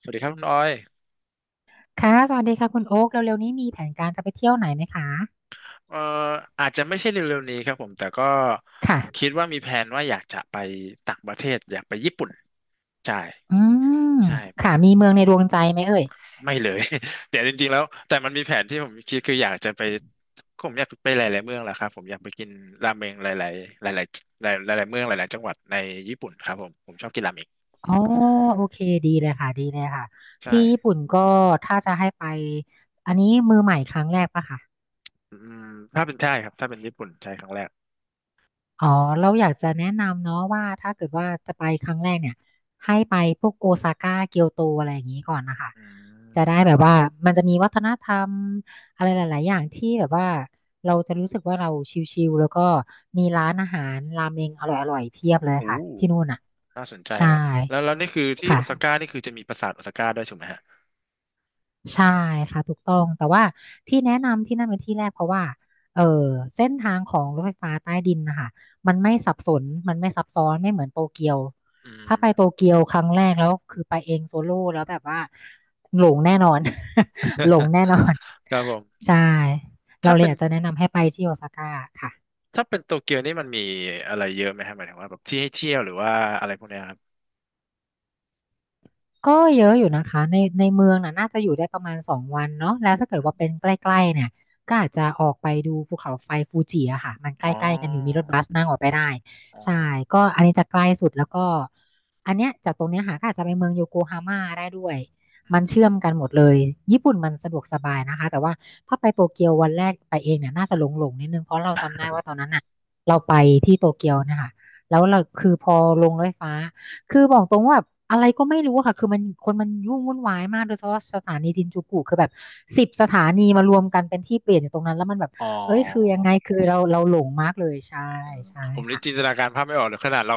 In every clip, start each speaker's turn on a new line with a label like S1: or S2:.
S1: สวัสดีครับคุณออย
S2: ค่ะ สวัสดีค่ะคุณโอ๊คเร็วๆนี้มีแผนการจะไปเที่ยวไหนไหมคะ
S1: เอ่ออาจจะไม่ใช่เร็วๆนี้ครับผมแต่ก็คิ
S2: ค่ะ
S1: ดว่ามีแผนว่าอยากจะไปต่างประเทศอยากไปญี่ปุ่นใช่
S2: อืม
S1: ใช่ผ
S2: ค่ะ
S1: ม
S2: มีเมืองในดวงใจไหมเอ่ย
S1: ไม่เลย แต่จริงๆแล้วแต่มันมีแผนที่ผมคิดคืออยากจะไปผมอยากไปหลายๆเมืองแหละครับผมอยากไปกินราเมงหลายๆหลายๆหลายหลายๆเมืองหลายๆจังหวัดในญี่ปุ่นครับผมชอบกินราเมง
S2: อ๋อโอเค ดีเลยค่ะ ดีเลยค่ะ
S1: ใช่
S2: ที่ญี่ปุ่นก็ถ้าจะให้ไป อันนี้มือใหม่ครั้งแรกปะคะ
S1: อืมถ้าเป็นใช่ครับถ้าเป็นญี่ปุ่นใช่ครั้งแรก
S2: อ๋อเราอยากจะแนะนำเนาะว่าถ้าเกิดว่าจะไปครั้งแรกเนี่ยให้ไปพวกโอซาก้าเกียวโตอะไรอย่างนี้ก่อนนะคะ
S1: อืม
S2: จะได้แบบว่ามันจะมีวัฒนธรรมอะไรหลายๆอย่างที่แบบว่าเราจะรู้สึกว่าเราชิลๆแล้วก็มีร้านอาหารรามเมงอร่อยๆเพียบเลย
S1: โอ้
S2: ค่ะที่นู่นอ่ะ
S1: น่าสนใจ
S2: ใช่
S1: ครับแล้วนี่คือที่โอ
S2: ค่ะ
S1: ซาก้านี่คือจะมีปราสาทโอซาก้าด้วยถูกไหมฮะ
S2: ใช่ค่ะถูกต้องแต่ว่าที่แนะนำที่นั่นเป็นที่แรกเพราะว่าเออเส้นทางของรถไฟฟ้าใต้ดินนะคะมันไม่สับสนมันไม่ซับซ้อนไม่เหมือนโตเกียว
S1: อืม
S2: ถ้าไปโตเกียวครั้งแรกแล้วคือไปเองโซโล่แล้วแบบว่าหลงแน่นอน หลงแน่นอน
S1: ครับผม
S2: ใช่เรา
S1: ถ้า
S2: เลย
S1: เป็
S2: อ
S1: น
S2: ยากจะแนะนำให้ไปที่โอซาก้าค่ะ
S1: ถ้าเป็นโตเกียวนี่มันมีอะไรเยอะไหมฮะหมายถึงว่าแบบที่ให้เที่ยวหรือว่าอะไรพวกเนี้ยครับ
S2: ก็เยอะอยู่นะคะในเมืองน่ะน่าจะอยู่ได้ประมาณ2 วันเนาะแล้วถ้า
S1: อ
S2: เกิด
S1: ม
S2: ว่าเป็นใกล้ๆเนี่ยก็อาจจะออกไปดูภูเขาไฟฟูจิอะค่ะมันใก
S1: อ๋
S2: ล้ๆกันอยู่มีรถ
S1: อ
S2: บัสนั่งออกไปได้
S1: อ๋
S2: ใช่
S1: อ
S2: ก็อันนี้จะใกล้สุดแล้วก็อันเนี้ยจากตรงเนี้ยค่ะก็อาจจะไปเมืองโยโกฮาม่าได้ด้วย
S1: อื
S2: มัน
S1: ม
S2: เชื่อมกันหมดเลยญี่ปุ่นมันสะดวกสบายนะคะแต่ว่าถ้าไปโตเกียววันแรกไปเองเนี่ยน่าจะหลงๆนิดนึงเพราะเราจำได้ว่าตอนนั้นน่ะเราไปที่โตเกียวนะคะแล้วเราคือพอลงรถไฟฟ้า คือบอกตรงว่าแบบอะไรก็ไม่รู้อะค่ะคือมันคนมันยุ่งวุ่นวายมากโดยเฉพาะสถานีจินจูกุคือแบบ10 สถานีมารวมกันเป็นที่เปลี่ยนอยู่ตรงนั้นแล้วมันแบบ
S1: อ๋อ
S2: เอ้ยคือยังไงคือเราหลงมากเลยใช่
S1: อืม
S2: ใช่
S1: ผมเลยจิน
S2: ค่ะ
S1: ตนาการภาพไม่ออกเลยขนาดเรา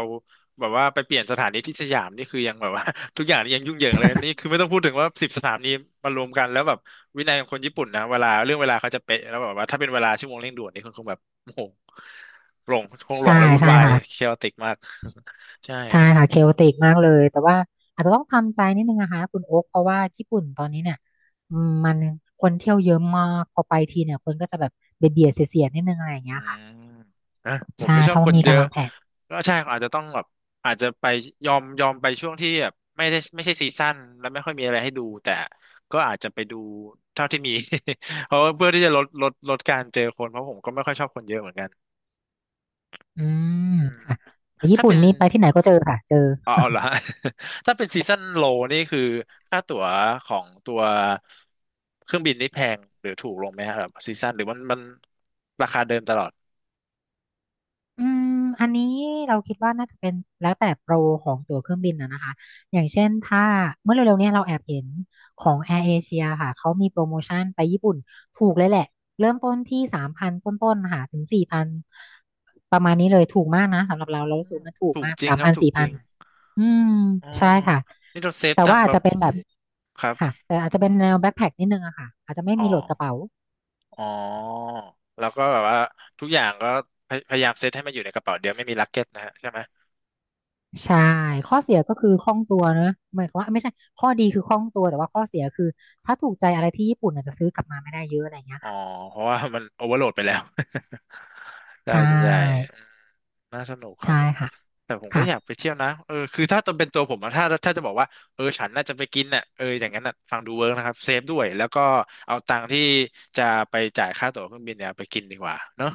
S1: แบบว่าไปเปลี่ยนสถานีที่สยามนี่คือยังแบบว่า ทุกอย่างนี่ยังยุ่งเหยิงเลยนี่คือไม่ต้องพูดถึงว่าสิบสถานีมารวมกันแล้วแบบวินัยของคนญี่ปุ่นนะเวลาเขาจะเป๊ะแล้วแบบว่าถ้าเป็นเวลาชั่วโมงเร่งด่วนนี่คงแบบโอ้โหหลงคงหล
S2: ใช่
S1: งและวุ่น
S2: ใช่
S1: วาย
S2: ค่ะ
S1: เคอติกมาก ใช่
S2: ใช่ค่ะเคโอติกมากเลยแต่ว่าอาจจะต้องทำใจนิดนึงนะคะคุณโอ๊คเพราะว่าญี่ปุ่นตอนนี้เนี่ยมันคนเที่ยวเยอะมากพอไปทีเนี่ยคนก็จะแบบเบียดเบียดเสียดๆนิดนึงอะไรอย่าง
S1: อื
S2: เงี้ย
S1: ม
S2: ค่ะ
S1: นะผม
S2: ใช่
S1: ไม่ชอบ
S2: ถ้า
S1: ค
S2: ว่า
S1: น
S2: มี
S1: เย
S2: การ
S1: อะ
S2: วางแผน
S1: ก็ใช่อาจจะต้องแบบอาจจะไปยอมไปช่วงที่แบบไม่ใช่ซีซั่นแล้วไม่ค่อยมีอะไรให้ดูแต่ก็อาจจะไปดูเท่าที่มี เพราะว่าเพื่อที่จะลดการเจอคนเพราะผมก็ไม่ค่อยชอบคนเยอะเหมือนกัน
S2: อืม
S1: อืม
S2: ค่ะแต่ญี่
S1: ถ้า
S2: ปุ่น
S1: เป็น
S2: นี่ไปที่ไหนก็เจอค่ะเจอ
S1: อ๋อเอาเหรอฮะ ถ้าเป็นซีซั่นโลนี่คือค่าตั๋วของตัวเครื่องบินนี่แพงหรือถูกลงไหมครับซีซั่นหรือมันราคาเดิมตลอด
S2: อืมอันนี้เราคิดว่าน่าจะเป็นแล้วแต่โปรของตั๋วเครื่องบินนะคะ อย่างเช่นถ้าเมื่อเร็วๆเนี้เราแอบเห็นของ Air Asia ค่ะ เขามีโปรโมชั่นไปญี่ปุ่นถูกเลยแหละเริ่มต้นที่สามพันต้นๆค่ะถึงสี่พันประมาณนี้เลยถูกมากนะสำหรับเราเรา
S1: อื
S2: รู้สึก
S1: ม
S2: ว่ามันถูก
S1: ถูก
S2: มาก
S1: จริง
S2: สาม
S1: ครับ
S2: พัน
S1: ถูก
S2: สี่
S1: จ
S2: พั
S1: ริ
S2: น
S1: ง
S2: อืม
S1: อ๋อ
S2: ใช่ค่ะ
S1: นี่เราเซฟ
S2: แต่
S1: ตัง
S2: ว่า
S1: ค์
S2: อา
S1: แบ
S2: จ
S1: บ
S2: จะเป็นแบบ
S1: ครับ
S2: ค่ะแต่อาจจะเป็นแนวแบ็คแพ็คนิดนึงอะค่ะอาจจะไม่
S1: อ๋อ
S2: มีโหลดกระเป๋า
S1: อ๋อ แล้วก็แบบว่าทุกอย่างก็พยายามเซตให้มันอยู่ในกระเป๋าเดียวไม่มีลักเก็ตนะฮะใช่ไหม
S2: ใช่
S1: อื
S2: ข้อเสียก็
S1: ม
S2: คือคล่องตัวนะหมายความว่าไม่ใช่ ข้อดีคือคล่องตัวแต่ว่าข้อเสียคือถ้าถูกใจอะไรที่ญี่ปุ่นอาจจะซื้อกลับมาไม่ได้เยอะอะไรอย่างเงี้ย
S1: อ๋อ
S2: ค่ะ
S1: เพราะว่ามันโอเวอร์โหลดไปแล้ว
S2: ใช
S1: ได้ส่วนใหญ่
S2: ่
S1: อืมน่าสนุกครั
S2: ใช่
S1: บผม
S2: ค่ะ
S1: แต่ผมก็
S2: ค่ะ
S1: อยากไปเที่ยวนะเออคือถ้าตัวเป็นตัวผมอะถ้าจะบอกว่า เออฉันน่าจะไปกินน่ะเอออย่างนั้นน่ะฟังดูเวิร์กนะครับ เซฟด้วยแล้วก็เอาตังค์ที่จะไปจ่ายค่าตั๋วเครื่องบินเนี่ยไปกินดีกว่าเนอะ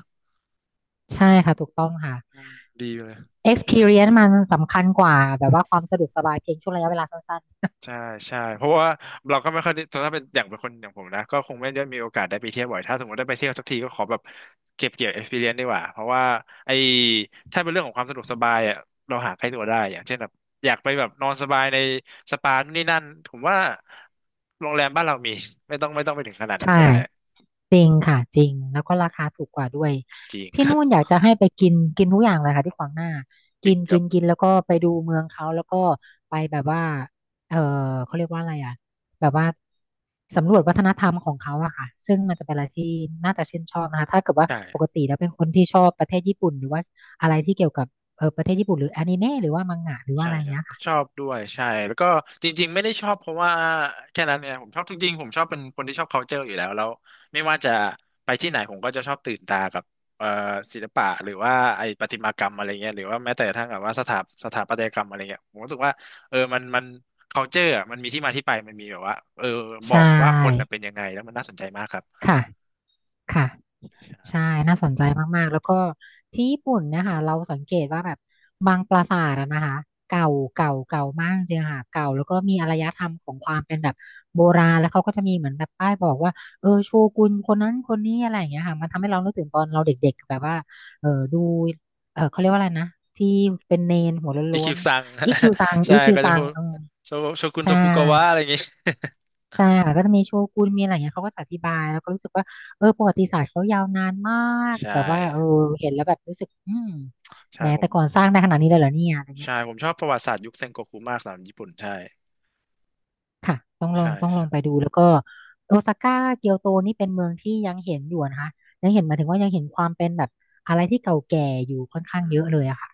S2: ใช่ค่ะ ถูกต้องค่ะ
S1: อืมดีเลย
S2: experience มันสำคัญกว่าแบบว่าความสะดวกสบายเพียงช่วงระยะเวลาสั้นๆ
S1: ใช่ใช่เพราะว่าเราก็ไม่ค่อยได้ถ้าเป็นอย่างเป็นคนอย่างผมนะก็คงไม่ได้มีโอกาสได้ไปเที่ยวบ่อยถ้าสมมติได้ไปเที่ยวสักทีก็ขอแบบเก็บเกี่ยว experience ดีกว่าเพราะว่าไอ้ถ้าเป็นเรื่องของความสะดวกสบายอ่ะเราหาใกล้ตัวได้อย่างเช่นแบบอยากไปแบบนอนสบายในสปานู่นนี่นั่นผมว่าโรงแรมบ้านเรามี ไม่ต้องไปถึงขนาดนั้น
S2: ใช่
S1: ก็ได้
S2: จริงค่ะจริงแล้วก็ราคาถูกกว่าด้วย
S1: จริงค
S2: ที่
S1: รับ
S2: นู่นอยากจะให้ไปกินกินทุกอย่างเลยค่ะที่ขวางหน้า
S1: จริ
S2: กิ
S1: ง
S2: น
S1: ค
S2: กิ
S1: รับ
S2: นกินแล้วก็ไปดูเมืองเขาแล้วก็ไปแบบว่าเออเขาเรียกว่าอะไรอ่ะแบบว่าสำรวจวัฒนธรรมของเขาอะค่ะซึ่งมันจะเป็นอะไรที่น่าจะชื่นชอบนะคะถ้าเกิดว่า
S1: ใช่
S2: ปกติแล้วเป็นคนที่ชอบประเทศญี่ปุ่นหรือว่าอะไรที่เกี่ยวกับประเทศญี่ปุ่นหรืออนิเมะหรือว่ามังงะหรือว่า
S1: ใช่
S2: อะไร
S1: ครับ
S2: เงี้ยค่ะ
S1: ชอบด้วยใช่แล้วก็จริงๆไม่ได้ชอบเพราะว่าแค่นั้นเนี่ยผมชอบจริงๆผมชอบเป็นคนที่ชอบ culture อยู่แล้วไม่ว่าจะไปที่ไหนผมก็จะชอบตื่นตากับเอ่อศิลปะหรือว่าไอ้ประติมากรรมอะไรเงี้ยหรือว่าแม้แต่กระทั่งแบบว่าสถาปัตยกรรมอะไรเงี้ยผมรู้สึกว่าเออมัน culture อะมันมีที่มาที่ไปมันมีแบบว่าเออบ
S2: ใช
S1: อกว่าคนน่ะ
S2: ่
S1: เป็นยังไงแล้วมันน่าสนใจมากครับ
S2: ค่ะค่ะ ใช่น่าสนใจมากๆ แล้วก็ที่ญี่ปุ่นเนะคะเราสังเกตว่าแบบบางปราสาทอะนะคะเก่าเก่าเก่ามากจริงๆค่ะเก่าแล้วก็มีอารยธรรมของความเป็นแบบโบราณแล้วเขาก็จะมีเหมือนแบบป้ายบอกว่าโชกุนคนนั้นคนนี้อะไรอย่างเงี้ยค่ะมันทำให้เรานึกถึงตอนเราเด็กๆแบบว่าดูเขาเรียกว่าอะไรนะที่เป็นเนนหัว
S1: อี
S2: โล้
S1: คิว
S2: น
S1: ซัง
S2: ๆอีคิวซัง
S1: ใช่
S2: อีคิว
S1: ก็จะ
S2: ซั
S1: พู
S2: ง
S1: ด
S2: อืม
S1: โชโชกุนโท
S2: ใช่
S1: คุกาวะอะไรเงงี้ย
S2: ใช่ค่ะก็จะมีโชกุนมีอะไรอย่างเงี้ยเขาก็จะอธิบายแล้วก็รู้สึกว่าประวัติศาสตร์เขายาวนานมาก
S1: ใช่
S2: แบบว่าเห็นแล้วแบบรู้สึกแห
S1: ใช่
S2: ม
S1: ผ
S2: แต่
S1: ม
S2: ก่อนสร้างได้ขนาดนี้เลยเหรอเนี่ยอะไรเงี้ย
S1: ใช่ผมชอบประวัติศาสตร์ยุคเซ็งโกคุมากสำหรับญี่ปุ่นใช่
S2: ค่ะต้องลอง
S1: ใช่
S2: ต้องล
S1: ใช่
S2: องไปดูแล้วก็โอซาก้าเกียวโตนี่เป็นเมืองที่ยังเห็นอยู่นะคะยังเห็นหมายถึงว่ายังเห็นความเป็นแบบอะไรที่เก่าแก่อยู่ค่อนข้าง
S1: อื
S2: เยอะเลย
S1: ม
S2: อะค่ะ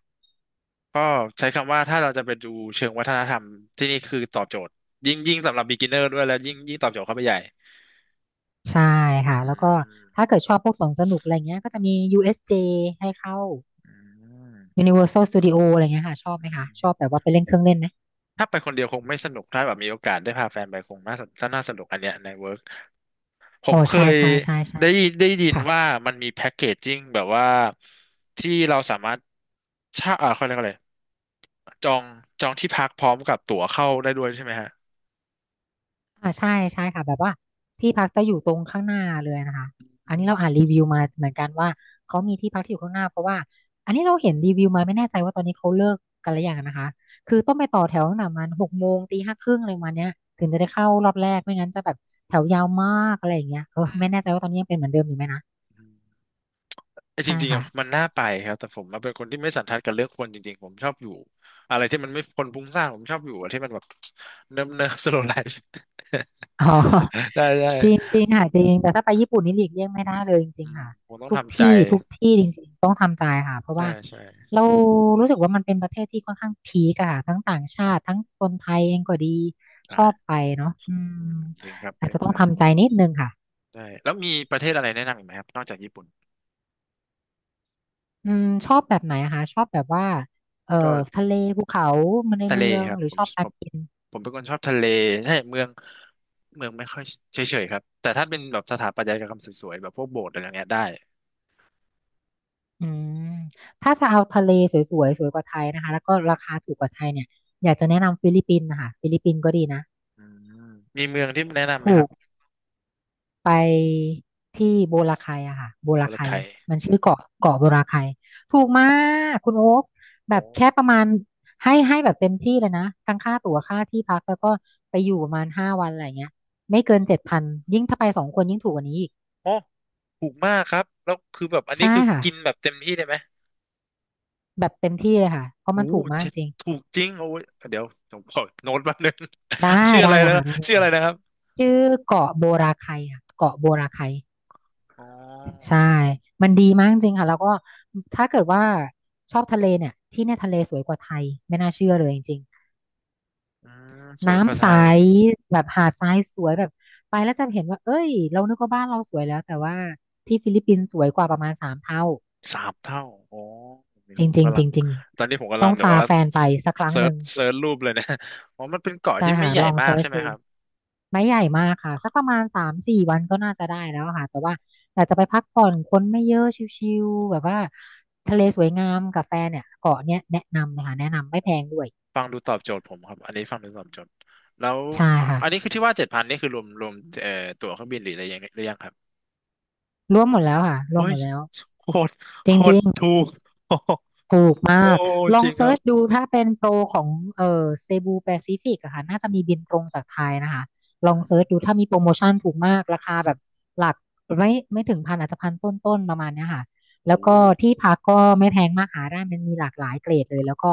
S1: ก็ใช้คำว่าถ้าเราจะไปดูเชิงวัฒนธรรมที่นี่คือตอบโจทย์ยิ่งสำหรับ beginner ด้วยแล้วยิ่งตอบโจทย์เข้าไปใหญ่
S2: ใช่ค่ะ
S1: อื
S2: แล้วก็ถ้า
S1: ม
S2: เกิดชอบพวกสวนสนุกอะไรเงี้ยก็จะมี USJ ให้เข้า
S1: อืม
S2: Universal Studio อะไรเงี้ยค่ะชอบไห
S1: อื
S2: มคะ
S1: ม
S2: ชอบแบบว่าไปเล่นเครื่องเล่นไหม
S1: ถ้าไปคนเดียวคงไม่สนุกถ้าแบบมีโอกาสได้พาแฟนไปคงน่าสนุกอันเนี้ยในเวิร์กผ
S2: อ๋
S1: ม
S2: อ
S1: เค
S2: ใช่
S1: ย
S2: ใช่ใช่ใช่
S1: ได้ได้ยิน
S2: ค่ะ
S1: ว่ามันมีแพ็กเกจจิ้งแบบว่าที่เราสามารถเช่าอ่าเขาเรียกอะไรจองจองที่พักพร้อมกับตั๋วเข้าได้ด้วยใช่ไหมฮะ
S2: อ่าใช่ใช่ค่ะแบบว่าที่พักจะอยู่ตรงข้างหน้าเลยนะคะ
S1: อื
S2: อันนี้เราอ่าน
S1: ม
S2: รีวิวมาเหมือนกันว่าเขามีที่พักที่อยู่ข้างหน้าเพราะว่าอันนี้เราเห็นรีวิวมาไม่แน่ใจว่าตอนนี้เขาเลิกกันหรือยังนะคะคือต้องไปต่อแถวตั้งแต่ประมัน6 โมงตี 5 ครึ่งอะไรประมาณเนี้ยถึงจะได้เข้ารอบแรกไม่งั้นจะแบบแถวยาวมากอะไรอย่างเงี้ย
S1: อืม
S2: ไม่แน่ใจว่าตอนนี้ยังเป็นเหมือนเดิมอยู่ไหมนะ
S1: ไอจ
S2: ใช่
S1: ริงๆ
S2: ค่ะ
S1: อะมันน่าไปครับแต่ผมอะเป็นคนที่ไม่สันทัดกับเรื่องคนจริงๆผมชอบอยู่อะไรที่มันไม่คนพลุ้งสร้างผมชอบอยู่อะที่มันแบบ เนิบเนิบสโลว์ ไลฟ์
S2: อ๋อ
S1: ได้ได้
S2: จริงจริงค่ะจริงแต่ถ้าไปญี่ปุ่นนี่หลีกเลี่ยงไม่ได้เลยจริ
S1: อื
S2: ง
S1: ม
S2: ๆค่ะ
S1: ผมต้อง
S2: ทุก
S1: ทำใจ
S2: ที่ทุกที่จริง
S1: ใช่ใช่
S2: เรารู้สึกว่ามันเป็นประเทศที่ค่อนข้างพีกอะค่ะทั้งต่างชาติทั้งคนไทยเองก็ดีช
S1: ใช่
S2: อบไปเนาะอื
S1: อื
S2: ม
S1: มจริงครับ
S2: อาจ
S1: เล่น
S2: จะ
S1: ไม่
S2: ต้อง
S1: ได้
S2: ทำใจนิดนึงค่ะ
S1: ใช่แล้วมีประเทศอะไรแนะนำอีกไหมครับนอกจากญี่ปุ่น
S2: อืมชอบแบบไหนอะคะชอบแบบว่าเอ่อ
S1: ก็
S2: ทะเลภูเขามันใน
S1: ทะเล
S2: เมือง
S1: ครับ
S2: หรือ
S1: ผ
S2: ช
S1: ม
S2: อบกา
S1: ผ
S2: ร
S1: ม
S2: กิน
S1: ผมเป็นคนชอบทะเลใช่เมืองไม่ค่อยเฉยๆครับแต่ถ้าเป็นแบบสถาปัตยกรรมสวยๆแบบพวกโบสถ์อะไรอย่างเงี้ยได้
S2: อืมถ้าจะเอาทะเลสวยๆสวยกว่าไทยนะคะแล้วก็ราคาถูกกว่าไทยเนี่ยอยากจะแนะนำฟิลิปปินส์นะคะฟิลิปปินส์ก็ดีนะ
S1: อืมมีเมืองที่แนะนำไหม
S2: ถู
S1: ครั
S2: ก
S1: บ
S2: ไปที่โบราไคอะค่ะโบ
S1: บุ
S2: รา
S1: รั
S2: ไค
S1: มยไค
S2: มันชื่อเกาะเกาะโบราไคถูกมากคุณโอ๊คแบ
S1: โอ้
S2: บแค่ประมาณให้แบบเต็มที่เลยนะทั้งค่าตั๋วค่าที่พักแล้วก็ไปอยู่ประมาณ5 วันอะไรเงี้ยไม่เกิน7,000ยิ่งถ้าไป2 คนยิ่งถูกกว่านี้อีก
S1: โอถูกมากครับแล้วคือแบบอันนี้
S2: ใช่
S1: คือ
S2: ค่ะ
S1: กินแบบเต็มที่ได้ไหม
S2: แบบเต็มที่เลยค่ะเพราะ
S1: โอ้
S2: มัน
S1: โห
S2: ถูกมาก
S1: เจ็ด
S2: จริง
S1: ถูกจริงโอ้ยเดี๋ยวผมขอโน้ตแป๊บนึง
S2: ได้
S1: ชื่ออะ
S2: ได้
S1: ไร
S2: เล
S1: นะ
S2: ย
S1: ครั
S2: ค่ะ
S1: บ
S2: ได้เล
S1: ชื่
S2: ย
S1: ออะ
S2: ค่ะ
S1: ไรนะครับ
S2: ชื่อเกาะโบราไคอะเกาะโบราไค
S1: อ๋อ
S2: ใช่ มันดีมากจริงค่ะ แล้วก็ถ้าเกิดว่าชอบทะเลเนี่ย ที่เนี่ยทะเลสวยกว่าไทย ไม่น่าเชื่อเลยจริง
S1: อืส
S2: ๆ
S1: วยกว่า
S2: น้ำ
S1: ไท
S2: ใส
S1: ย
S2: แบบหาดทรายสวยแบบไปแล้วจะเห็นว่า เอ้ย เรานึกว่าบ้านเราสวยแล้วแต่ว่าที่ฟิลิปปินส์สวยกว่าประมาณ3 เท่า
S1: 3 เท่าโอ้อนี่
S2: จ
S1: ผม
S2: ริง
S1: กำ
S2: ๆ
S1: ลั
S2: จ
S1: ง
S2: ริง
S1: ตอนนี้ผม
S2: ๆ
S1: กำ
S2: ต้
S1: ลัง
S2: อง
S1: เดี๋ยว
S2: พา
S1: ว่า
S2: แฟนไปสักครั้ง
S1: เซิ
S2: ห
S1: ร์ช
S2: นึ่ง
S1: เซิร์ชรูปเลยนะ อ๋อมันเป็นเกาะ
S2: ใช่
S1: ที่ไม่
S2: ค่ะ
S1: ใหญ่
S2: ลอง
S1: มา
S2: เซิ
S1: ก
S2: ร์ช
S1: ใช่ไหม
S2: ดู
S1: ครับ
S2: ไม่ใหญ่มากค่ะสักประมาณ3-4 วันก็น่าจะได้แล้วค่ะแต่ว่าอยากจะไปพักผ่อนคนไม่เยอะชิลๆแบบว่าทะเลสวยงามกับแฟนเนี่ยเกาะเนี้ยแนะนำนะคะแนะนำไม่แพงด้วย
S1: ฟังดูตอบโจทย์ผมครับอันนี้ฟังดูตอบโจทย์แล้ว
S2: ใช่
S1: อะ
S2: ค่ะ
S1: อันนี้คือที่ว่า7,000นี่คือรวมเอ่อตั๋วเครื่องบินหรืออะไรยังหรือยังครับ
S2: รวมหมดแล้วค่ะรว
S1: เฮ้
S2: มหม
S1: ย
S2: ดแล้ว
S1: โคตร
S2: จ
S1: โคตร
S2: ริง
S1: ถูก โอ้โห
S2: ถูก
S1: โอ้
S2: มากลอ
S1: จ
S2: ง
S1: ริงค
S2: เซิ
S1: รั
S2: ร์
S1: บ
S2: ชดูถ้าเป็นโปรของเซบูแปซิฟิกอะค่ะน่าจะมีบินตรงจากไทยนะคะลองเซิร์ชดูถ้ามีโปรโมชั่นถูกมากราคาแบบหลักไม่ถึงพันอาจจะพันต้นๆประมาณเนี้ยค่ะ
S1: โอ้
S2: แล้ว
S1: โห
S2: ก็ที่พักก็ไม่แพงมากหาได้มันมีหลากหลายเกรดเลยแล้วก็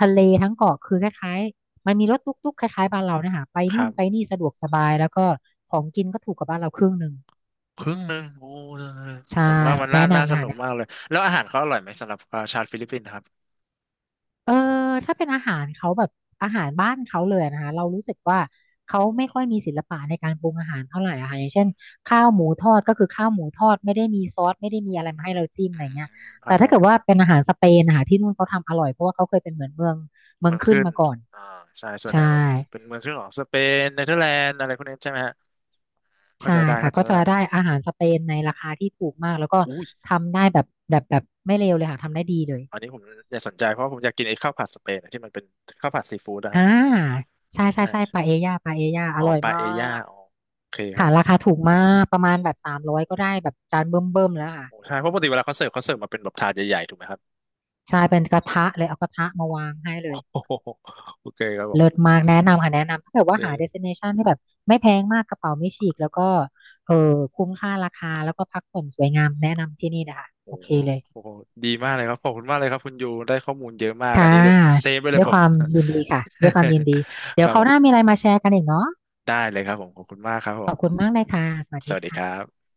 S2: ทะเลทั้งเกาะคือคล้ายๆมันมีรถตุ๊กๆคล้ายๆบ้านเราเนี่ยค่ะไป
S1: ค
S2: นู่
S1: รั
S2: น
S1: บ
S2: ไปนี่สะดวกสบายแล้วก็ของกินก็ถูกกว่าบ้านเราครึ่งหนึ่ง
S1: ครึ่งหนึ่งโอ้
S2: ใช่
S1: ผมว่ามัน
S2: แนะ
S1: น่าน่า
S2: นำเล
S1: สนุกมาก
S2: ค่ะ
S1: เลยแล้วอาหารเขาอร่อยไหมสำหรับชาวฟิลิปปินส์ครับ
S2: เออถ้าเป็นอาหารเขาแบบอาหารบ้านเขาเลยนะคะเรารู้สึกว่าเขาไม่ค่อยมีศิลปะในการปรุงอาหารเท่าไหร่อะค่ะอย่างเช่นข้าวหมูทอดก็คือข้าวหมูทอดไม่ได้มีซอสไม่ได้มีอะไรมาให้เราจิ้มอะ
S1: อื
S2: ไรเงี้ย
S1: มเข้า
S2: แต่
S1: ใจ
S2: ถ้าเกิ
S1: ค
S2: ด
S1: รับ
S2: ว่าเป็นอาหารสเปนนะคะที่นู่นเขาทำอร่อยเพราะว่าเขาเคยเป็นเหมือนเมืองเมือ
S1: เมื
S2: ง
S1: อง
S2: ขึ้น
S1: ขึ้น
S2: มาก่อน
S1: อ่าใช่ส่วนไห
S2: ใช่
S1: นแบบเป็นเมืองขึ้นของสเปนเนเธอร์แลนด์อะไรพวกนี้ใช่ไหมฮะเข้า
S2: ใช่
S1: ใจได้
S2: ค่ะ
S1: เข้าใจ
S2: ก็จะ
S1: ได้
S2: ได้อาหารสเปนในราคาที่ถูกมากแล้วก็
S1: อุ้ย
S2: ทำได้แบบไม่เลวเลยค่ะทำได้ดีเลย
S1: อันนี้ผมอยากสนใจเพราะผมอยากกินไอ้ข้าวผัดสเปนอะที่มันเป็นข้าวผัดซีฟู้ดนะ
S2: อ่า
S1: ฮะ
S2: ใช่ใช่
S1: ใช่
S2: ใช่ปาเอญ่าปาเอญ่าอ
S1: อ๋อ
S2: ร่อย
S1: ปา
S2: มา
S1: เอย่า
S2: ก
S1: อ๋อโอเคครั
S2: ค่ะ
S1: บ
S2: ราคาถูกมากประมาณแบบ300ก็ได้แบบจานเบิ่มๆแล้วค่ะ
S1: โอ้ใช่เพราะปกติเวลาเขาเสิร์ฟเขาเสิร์ฟมาเป็นแบบถาดใหญ่ๆถูกไหมครับ
S2: ใช่เป็นกระทะเลยเอากระทะมาวางให้เล
S1: โ
S2: ย
S1: อ้โห โอเคครับผ
S2: เลิศ
S1: ม
S2: มากแนะนำค่ะแนะนำถ้าเกิด
S1: เอ
S2: ว่าหา
S1: อ
S2: destination ที่แบบไม่แพงมากกระเป๋าไม่ฉีกแล้วก็เออคุ้มค่าราคาแล้วก็พักผ่อนสวยงามแนะนำที่นี่นะคะ
S1: โอ้
S2: โอเค
S1: โห
S2: เลย
S1: โอ้โหดีมากเลยครับขอบคุณมากเลยครับคุณยูได้ข้อมูลเยอะมากอั
S2: ค่ะ
S1: นนี้แบบเซฟไปเล
S2: ด้
S1: ย
S2: วย
S1: ผ
S2: ค
S1: ม
S2: วามยินดีค่ะด้วยความยินดี เดี๋
S1: ค
S2: ยว
S1: รับ
S2: ครา
S1: ผ
S2: วหน้า
S1: ม
S2: มีอะไรมาแชร์กันอีกเนาะ
S1: ได้เลยครับผมขอบคุณมากครับผ
S2: ขอบคุณ
S1: ม
S2: มากเลยค่ะสวัส
S1: ส
S2: ดี
S1: วัสดีครั
S2: ค่ะ
S1: บ